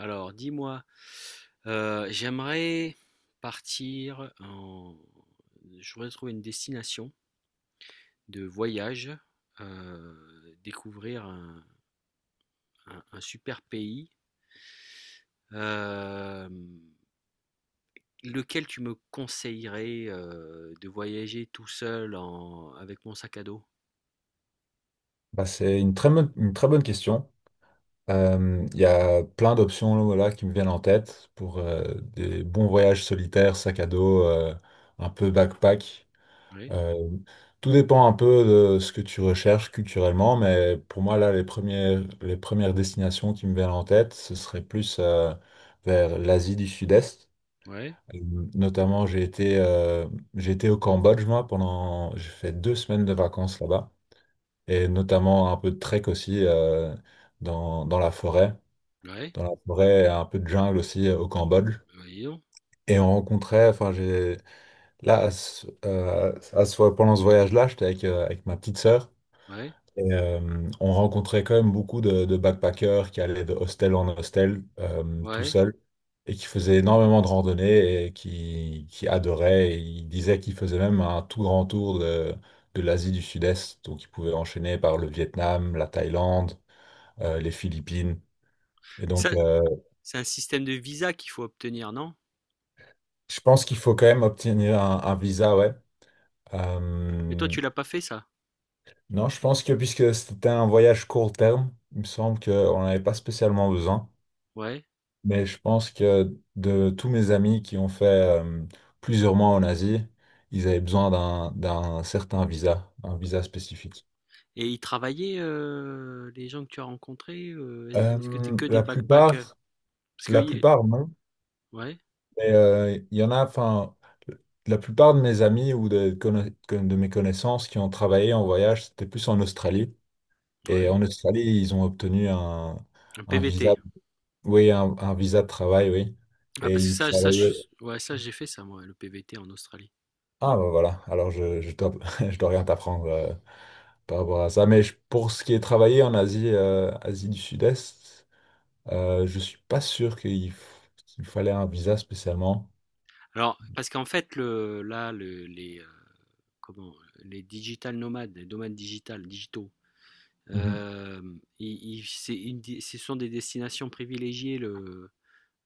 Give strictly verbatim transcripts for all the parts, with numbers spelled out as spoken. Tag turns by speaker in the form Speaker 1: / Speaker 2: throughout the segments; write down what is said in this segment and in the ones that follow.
Speaker 1: Alors, dis-moi, euh, j'aimerais partir en... Je voudrais trouver une destination de voyage, euh, découvrir un, un- un super pays. Euh, Lequel tu me conseillerais euh, de voyager tout seul en... avec mon sac à dos?
Speaker 2: Bah, c'est une très bonne, une très bonne question. Euh, Il y a plein d'options là, voilà, qui me viennent en tête pour euh, des bons voyages solitaires, sac à dos, euh, un peu backpack.
Speaker 1: Ouais,
Speaker 2: Euh, tout dépend un peu de ce que tu recherches culturellement, mais pour moi, là, les premières, les premières destinations qui me viennent en tête, ce serait plus euh, vers l'Asie du Sud-Est.
Speaker 1: ouais,
Speaker 2: Euh, Notamment, j'ai été, euh, j'ai été au Cambodge, moi, pendant, j'ai fait deux semaines de vacances là-bas et notamment un peu de trek aussi euh, dans, dans la forêt,
Speaker 1: ouais,
Speaker 2: dans la forêt, un peu de jungle aussi euh, au Cambodge.
Speaker 1: bah dis donc,
Speaker 2: Et on rencontrait, enfin j'ai là à ce- euh, à ce- pendant ce voyage-là, j'étais avec, euh, avec ma petite sœur.
Speaker 1: ouais,
Speaker 2: Et euh, on rencontrait quand même beaucoup de, de backpackers qui allaient de hostel en hostel euh, tout
Speaker 1: ouais.
Speaker 2: seuls et qui faisaient énormément de randonnées et qui, qui adoraient. Et ils disaient qu'ils faisaient même un tout grand tour de, de l'Asie du Sud-Est. Donc ils pouvaient enchaîner par le Vietnam, la Thaïlande euh, les Philippines. Et
Speaker 1: Et ça,
Speaker 2: donc, euh,
Speaker 1: c'est un système de visa qu'il faut obtenir, non?
Speaker 2: je pense qu'il faut quand même obtenir un, un visa, ouais.
Speaker 1: Mais toi,
Speaker 2: Euh,
Speaker 1: tu l'as pas fait, ça?
Speaker 2: non, je pense que puisque c'était un voyage court terme, il me semble qu'on n'avait pas spécialement besoin.
Speaker 1: Ouais.
Speaker 2: Mais je pense que de tous mes amis qui ont fait euh, plusieurs mois en Asie, ils avaient besoin d'un d'un certain visa, un visa spécifique.
Speaker 1: Et ils travaillaient, heu, les gens que tu as rencontrés, heu, ou est-ce que t'es
Speaker 2: Euh,
Speaker 1: que des
Speaker 2: la
Speaker 1: backpackers?
Speaker 2: plupart,
Speaker 1: Parce que
Speaker 2: la
Speaker 1: y
Speaker 2: plupart, non.
Speaker 1: Ouais,
Speaker 2: Mais euh, il y en a, enfin, la plupart de mes amis ou de, conna- de mes connaissances qui ont travaillé en voyage, c'était plus en Australie. Et
Speaker 1: ouais,
Speaker 2: en Australie, ils ont obtenu un,
Speaker 1: un
Speaker 2: un visa,
Speaker 1: P V T.
Speaker 2: oui, un, un visa de travail, oui.
Speaker 1: Ah
Speaker 2: Et
Speaker 1: parce que
Speaker 2: ils
Speaker 1: ça ça je
Speaker 2: travaillaient.
Speaker 1: suis ouais, ça j'ai fait ça moi, le P V T en Australie.
Speaker 2: Ah, ben voilà. Alors, je, je dois, je dois rien t'apprendre euh, par rapport à ça. Mais je- pour ce qui est travailler en Asie, euh, Asie du Sud-Est, euh, je suis pas sûr qu'il f- qu'il fallait un visa spécialement.
Speaker 1: Alors parce qu'en fait le là le les, heu, comment? Les digital nomades, les nomades digital digitaux,
Speaker 2: Mhm.
Speaker 1: hem, ils ils c'est une des ce sont des destinations privilégiées le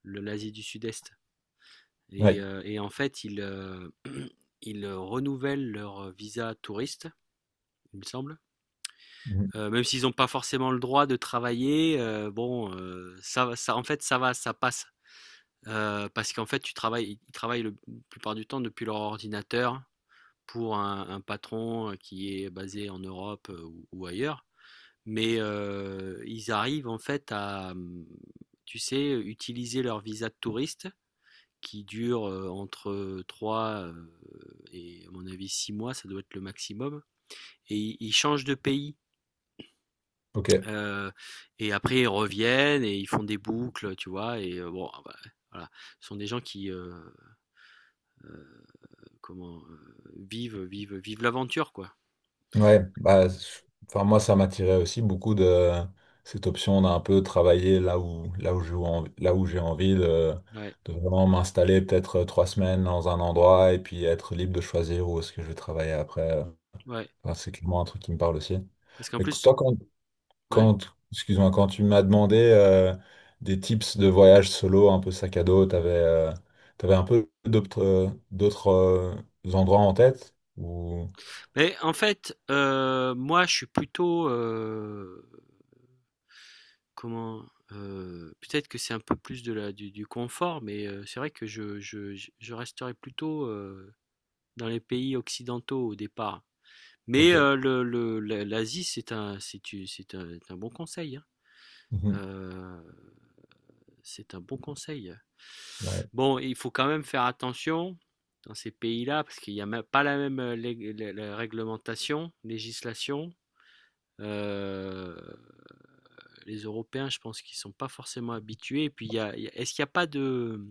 Speaker 1: le l'Asie du Sud-Est et
Speaker 2: Oui.
Speaker 1: heu et en fait ils, heu, ils renouvellent leur visa touriste, il me semble.
Speaker 2: Mhm.
Speaker 1: Euh, même s'ils n'ont pas forcément le droit de travailler, euh, bon, euh, ça, va- ça, en fait, ça va, ça passe. Euh, parce qu'en fait, tu travailles, ils travaillent le- la plupart du temps depuis leur ordinateur pour un, un patron euh, qui est basé en Europe euh, ou, ou ailleurs. Mais euh, ils arrivent en fait à, hum, tu sais, utiliser leur visa de touriste qui dure euh, entre trois euh, et à mon avis six mois, ça doit être le maximum. Et ils ils changent de pays.
Speaker 2: Ok.
Speaker 1: Heu et après ils reviennent et ils font des boucles, tu vois? Et heu, bon, bah, voilà, ce sont des gens qui, heu, comment, heu, vivent vivent vivent l'aventure, quoi.
Speaker 2: Ouais, bah, je- enfin, moi, ça m'attirait aussi beaucoup de cette option d'un peu travailler là où, là où j'ai envie, là où j'ai envie de,
Speaker 1: Ouais,
Speaker 2: de vraiment m'installer peut-être euh, trois semaines dans un endroit et puis être libre de choisir où est-ce que je vais travailler après. euh.
Speaker 1: ouais,
Speaker 2: Enfin, c'est clairement un truc qui me parle aussi.
Speaker 1: parce qu'en
Speaker 2: Mais
Speaker 1: plus
Speaker 2: toi, quand,
Speaker 1: ouais.
Speaker 2: quand, excuse-moi, quand tu m'as demandé euh, des tips de voyage solo, un peu sac à dos, t'avais, euh, t'avais un peu d'autres, euh, d'autres euh, endroits en tête ou...
Speaker 1: Mais en fait, heu, moi je suis plutôt, heu, comment, heu, peut-être que c'est un peu plus de la du du confort, mais heu, c'est vrai que je je je je resterai plutôt, heu, dans les pays occidentaux au départ. Mais
Speaker 2: Ok.
Speaker 1: heu, le le l'A l'Asie c'est un c'est tu, c'est un c'est un bon conseil, hein.
Speaker 2: Mhm.
Speaker 1: Euh, c'est un bon conseil.
Speaker 2: Ouais.
Speaker 1: Bon, il faut quand même faire attention dans ces pays-là parce qu'il n'y a pas la même euh, lég- lé- lé- réglementation, législation. Euh, les Européens, je pense qu'ils ne sont pas forcément habitués. Et puis, il y a- il y a- est-ce qu'il n'y a pas de,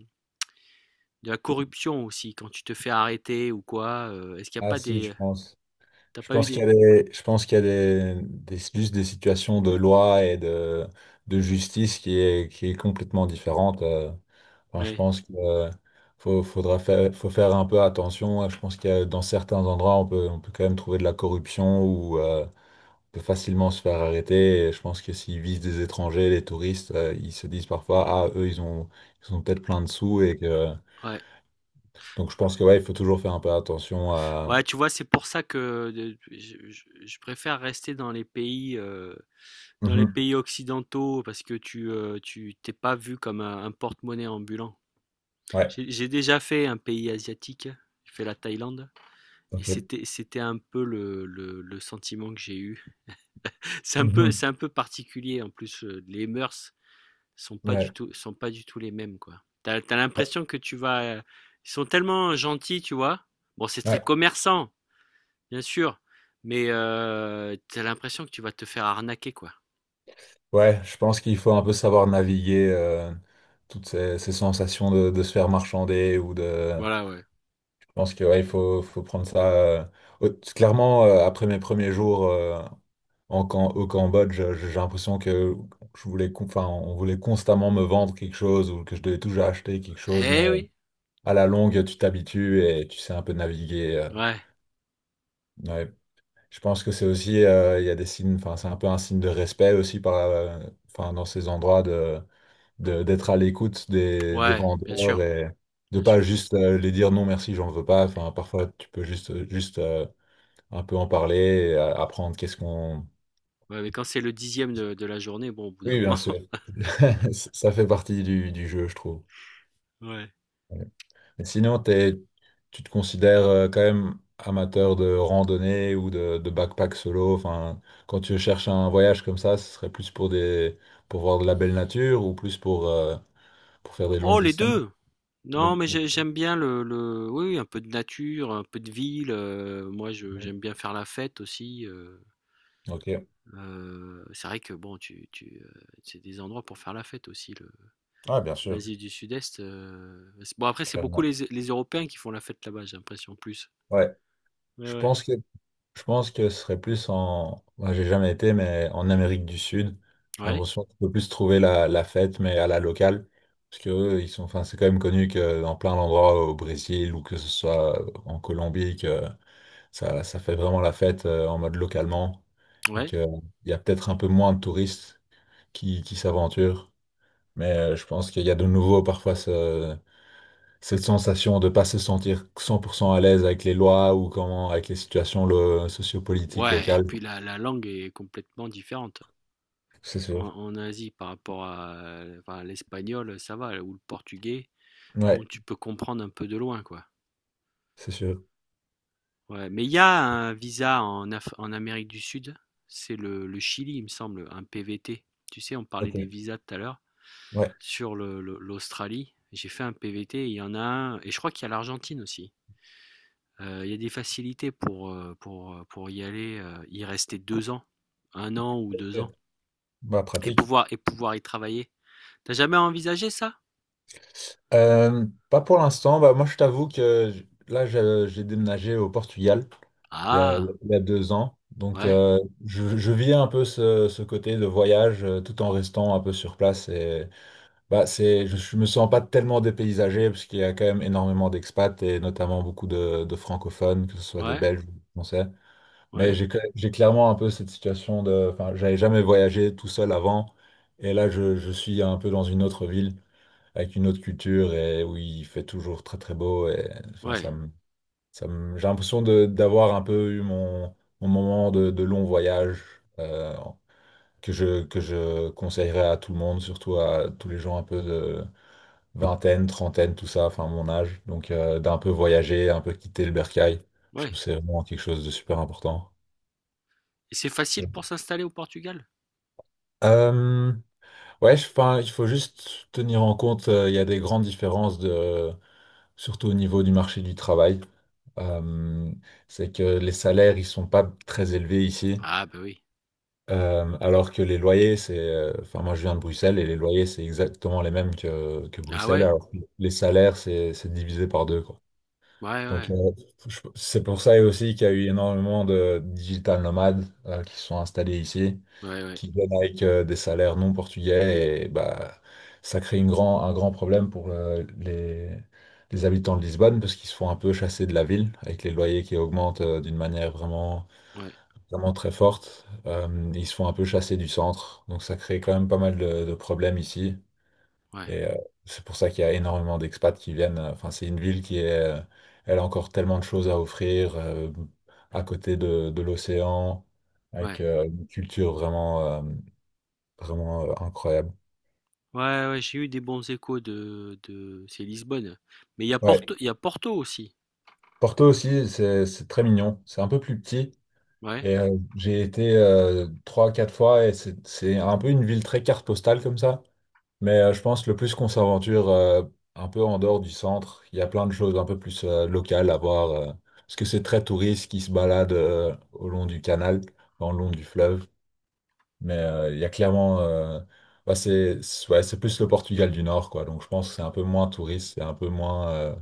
Speaker 1: de la corruption aussi quand tu te fais arrêter ou quoi? Euh, est-ce qu'il n'y a
Speaker 2: Ah
Speaker 1: pas
Speaker 2: si,
Speaker 1: des...
Speaker 2: je pense.
Speaker 1: T'as
Speaker 2: Je
Speaker 1: pas eu
Speaker 2: pense qu'il y
Speaker 1: des...
Speaker 2: a des, je pense qu'il y a des, des, juste des situations de loi et de, de justice qui est, qui est complètement différente. euh. Enfin, je
Speaker 1: Ouais.
Speaker 2: pense qu'il faut, faudra faire, faut faire un peu attention. Je pense qu'il y a, dans certains endroits, on peut, on peut quand même trouver de la corruption ou euh, on peut facilement se faire arrêter. Et je pense que s'ils visent des étrangers, des touristes, euh, ils se disent parfois, ah, eux, ils ont, ils ont peut-être plein de sous et que,
Speaker 1: Ouais.
Speaker 2: donc je pense que ouais, il faut toujours faire un peu attention à.
Speaker 1: Ouais, tu vois, c'est pour ça que de- je, je- je préfère rester dans les pays euh, dans les
Speaker 2: Mhm.
Speaker 1: pays occidentaux, parce que tu, euh, tu t'es pas vu comme un, un porte-monnaie ambulant.
Speaker 2: Ouais.
Speaker 1: J'ai j'ai déjà fait un pays asiatique, j'ai fait la Thaïlande, et
Speaker 2: Ok.
Speaker 1: c'était, c'était un peu le, le, le sentiment que j'ai eu. C'est un peu,
Speaker 2: Mhm.
Speaker 1: c'est un peu particulier, en plus, euh, les mœurs sont pas du
Speaker 2: Ouais.
Speaker 1: tout, sont pas du tout les mêmes, quoi. T'as, t'as
Speaker 2: Oh,
Speaker 1: l'impression que tu vas... euh, Ils sont tellement gentils, tu vois. Bon, c'est très
Speaker 2: Ouais.
Speaker 1: commerçant, bien sûr, mais euh, t'as l'impression que tu vas te faire arnaquer, quoi.
Speaker 2: Ouais, je pense qu'il faut un peu savoir naviguer euh, toutes ces, ces sensations de, de se faire marchander ou de...
Speaker 1: Voilà, ouais.
Speaker 2: Je pense que ouais, il faut, faut prendre ça... euh, au- Clairement, euh, après mes premiers jours euh, en, Cam- au Cambodge, je- j'ai l'impression que je voulais, con- enfin, on voulait constamment me vendre quelque chose ou que je devais toujours acheter quelque chose,
Speaker 1: Eh
Speaker 2: mais
Speaker 1: oui,
Speaker 2: à la longue, tu t'habitues et tu sais un peu naviguer. euh,
Speaker 1: ouais.
Speaker 2: ouais, Je pense que c'est aussi, euh, il y a des signes, enfin, c'est un peu un signe de respect aussi par, euh, enfin, dans ces endroits de, de- d'être à l'écoute des, des
Speaker 1: Ouais, bien
Speaker 2: vendeurs
Speaker 1: sûr,
Speaker 2: et de
Speaker 1: bien
Speaker 2: pas
Speaker 1: sûr.
Speaker 2: juste euh, les dire non merci, j'en veux pas. Enfin, parfois, tu peux juste, juste euh, un peu en parler, et, euh, apprendre qu'est-ce qu'on.
Speaker 1: Ouais, mais quand c'est le dixième de, de la journée, bon, au bout d'un
Speaker 2: Oui, bien
Speaker 1: moment.
Speaker 2: sûr. Ça fait partie du, du jeu, je trouve.
Speaker 1: Ouais.
Speaker 2: Et sinon, t'es- tu te considères euh, quand même amateur de randonnée ou de, de backpack solo. Enfin, quand tu cherches un voyage comme ça, ce serait plus pour des, pour voir de la belle nature ou plus pour, euh, pour faire des longues
Speaker 1: Oh, les
Speaker 2: distances.
Speaker 1: deux!
Speaker 2: Le-
Speaker 1: Non, mais
Speaker 2: le-
Speaker 1: j'ai- j'aime bien le, le- oui, oui, un peu de nature, un peu de ville. Euh, moi, je, j'aime bien faire la fête aussi. Euh,
Speaker 2: Ok.
Speaker 1: euh, c'est vrai que, bon, tu, tu, euh, c'est des endroits pour faire la fête aussi. le-
Speaker 2: Ah, bien sûr,
Speaker 1: L'Asie du Sud-Est. euh, c'est- Bon, après, c'est beaucoup
Speaker 2: clairement.
Speaker 1: les, les Européens qui font la fête là-bas, j'ai l'impression, plus.
Speaker 2: Ouais.
Speaker 1: Ouais,
Speaker 2: Je
Speaker 1: ouais.
Speaker 2: pense que Je pense que ce serait plus en. Moi, j'ai jamais été, mais en Amérique du Sud. J'ai
Speaker 1: Ouais,
Speaker 2: l'impression qu'on peut plus trouver la, la fête, mais à la locale. Parce que eux, ils sont. Enfin, c'est quand même connu que dans plein d'endroits au Brésil ou que ce soit en Colombie, que ça, ça fait vraiment la fête euh, en mode localement. Et
Speaker 1: ouais.
Speaker 2: qu'il y a peut-être un peu moins de touristes qui, qui s'aventurent. Mais euh, je pense qu'il y a de nouveau parfois ce- cette sensation de ne pas se sentir cent pour cent à l'aise avec les lois ou comment, avec les situations le- sociopolitiques
Speaker 1: Ouais, et
Speaker 2: locales.
Speaker 1: puis la, la langue est complètement différente.
Speaker 2: C'est
Speaker 1: En
Speaker 2: sûr.
Speaker 1: en Asie, par rapport à, enfin, l'espagnol, ça va, ou le portugais, bon,
Speaker 2: Ouais,
Speaker 1: tu peux comprendre un peu de loin, quoi.
Speaker 2: c'est sûr.
Speaker 1: Ouais, mais il y a un visa en Af- en Amérique du Sud, c'est le le Chili, il me semble, un P V T. Tu sais, on parlait
Speaker 2: Ok.
Speaker 1: des visas tout à l'heure,
Speaker 2: Ouais.
Speaker 1: sur le le- l'Australie, j'ai fait un P V T, il y en a un, et je crois qu'il y a l'Argentine aussi. Euh, Il y a des facilités pour, euh, pour, euh, pour y aller, euh, y rester deux ans, un an ou deux
Speaker 2: Ok.
Speaker 1: ans,
Speaker 2: Bah,
Speaker 1: et
Speaker 2: pratique.
Speaker 1: pouvoir, et pouvoir y travailler. T'as jamais envisagé ça?
Speaker 2: Euh, pas pour l'instant. Bah, moi, je t'avoue que j- là, je- j'ai déménagé au Portugal il y a,
Speaker 1: Ah,
Speaker 2: il y a deux ans. Donc,
Speaker 1: ouais.
Speaker 2: euh, je, je vis un peu ce, ce côté de voyage euh, tout en restant un peu sur place. Et, bah, c'est, je, je me sens pas tellement dépaysagé parce qu'il y a quand même énormément d'expats et notamment beaucoup de, de francophones, que ce soit des
Speaker 1: Ouais,
Speaker 2: Belges ou des Français. Mais
Speaker 1: ouais,
Speaker 2: j'ai que- j'ai clairement un peu cette situation de... Enfin, j'avais jamais voyagé tout seul avant. Et là, je, je suis un peu dans une autre ville, avec une autre culture, et où il fait toujours très très beau. Et enfin,
Speaker 1: ouais,
Speaker 2: ça me, ça me- j'ai l'impression de- d'avoir un peu eu mon, mon moment de, de long voyage, euh, que je, que je conseillerais à tout le monde, surtout à tous les gens un peu de vingtaine, trentaine, tout ça, enfin mon âge. Donc, euh, d'un peu voyager, un peu quitter le bercail. Je
Speaker 1: ouais.
Speaker 2: trouve que c'est vraiment quelque chose de super important.
Speaker 1: Et c'est facile pour s'installer au Portugal?
Speaker 2: Euh, Ouais, je- enfin, il faut juste tenir en compte, euh, il y a des grandes différences de, surtout au niveau du marché du travail. Euh, c'est que les salaires, ils sont pas très élevés ici.
Speaker 1: Ah bah oui.
Speaker 2: Euh, alors que les loyers, c'est, euh, enfin, moi je viens de Bruxelles et les loyers, c'est exactement les mêmes que, que
Speaker 1: Ah
Speaker 2: Bruxelles,
Speaker 1: ouais?
Speaker 2: alors que les salaires, c'est, c'est divisé par deux, quoi.
Speaker 1: Ouais,
Speaker 2: Donc,
Speaker 1: ouais.
Speaker 2: euh, je- c'est pour ça aussi qu'il y a eu énormément de digital nomades, euh, qui se sont installés ici
Speaker 1: Ouais, ouais.
Speaker 2: qui viennent avec euh, des salaires non portugais et bah, ça crée une grand, un grand problème pour euh, les, les habitants de Lisbonne parce qu'ils se font un peu chasser de la ville avec les loyers qui augmentent euh, d'une manière vraiment,
Speaker 1: Ouais,
Speaker 2: vraiment très forte. Euh, ils se font un peu chasser du centre, donc ça crée quand même pas mal de, de problèmes ici.
Speaker 1: ouais.
Speaker 2: Et euh, c'est pour ça qu'il y a énormément d'expats qui viennent. Enfin, c'est une ville qui est, euh, elle a encore tellement de choses à offrir euh, à côté de, de l'océan, avec
Speaker 1: Ouais.
Speaker 2: euh, une culture vraiment. euh, vraiment euh, incroyable.
Speaker 1: Ouais, ouais, j'ai eu des bons échos de, de... C'est Lisbonne. Mais il y a
Speaker 2: Ouais,
Speaker 1: Porto, il y a Porto aussi.
Speaker 2: Porto aussi, c'est c'est très mignon. C'est un peu plus petit.
Speaker 1: Ouais,
Speaker 2: Et euh, j'ai été euh, trois, quatre fois et c'est c'est un peu une ville très carte postale comme ça. Mais euh, je pense le plus qu'on s'aventure euh, un peu en dehors du centre, il y a plein de choses un peu plus euh, locales à voir. euh, parce que c'est très touriste qui se balade euh, au long du canal, dans le long du fleuve. Mais euh, il y a clairement. euh, bah, c'est c'est- ouais, c'est plus le Portugal du Nord, quoi. Donc je pense que c'est un peu moins touriste, c'est un peu moins. euh,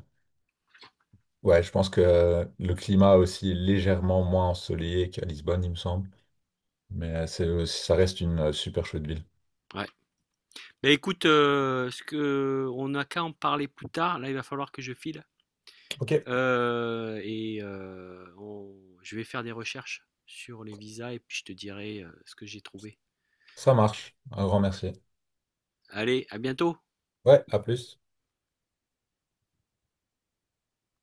Speaker 2: Ouais, je pense que euh, le climat est aussi est légèrement moins ensoleillé qu'à Lisbonne, il me semble. Mais euh, c'est, euh, ça reste une euh, super chouette ville.
Speaker 1: ouais. Mais écoute, euh, ce que on n'a qu'à en parler plus tard. Là, il va falloir que je file.
Speaker 2: Ok,
Speaker 1: Euh, et euh, on- je vais faire des recherches sur les visas et puis je te dirai euh, ce que j'ai trouvé.
Speaker 2: ça marche. Un grand merci.
Speaker 1: Allez, à bientôt!
Speaker 2: Ouais, à plus.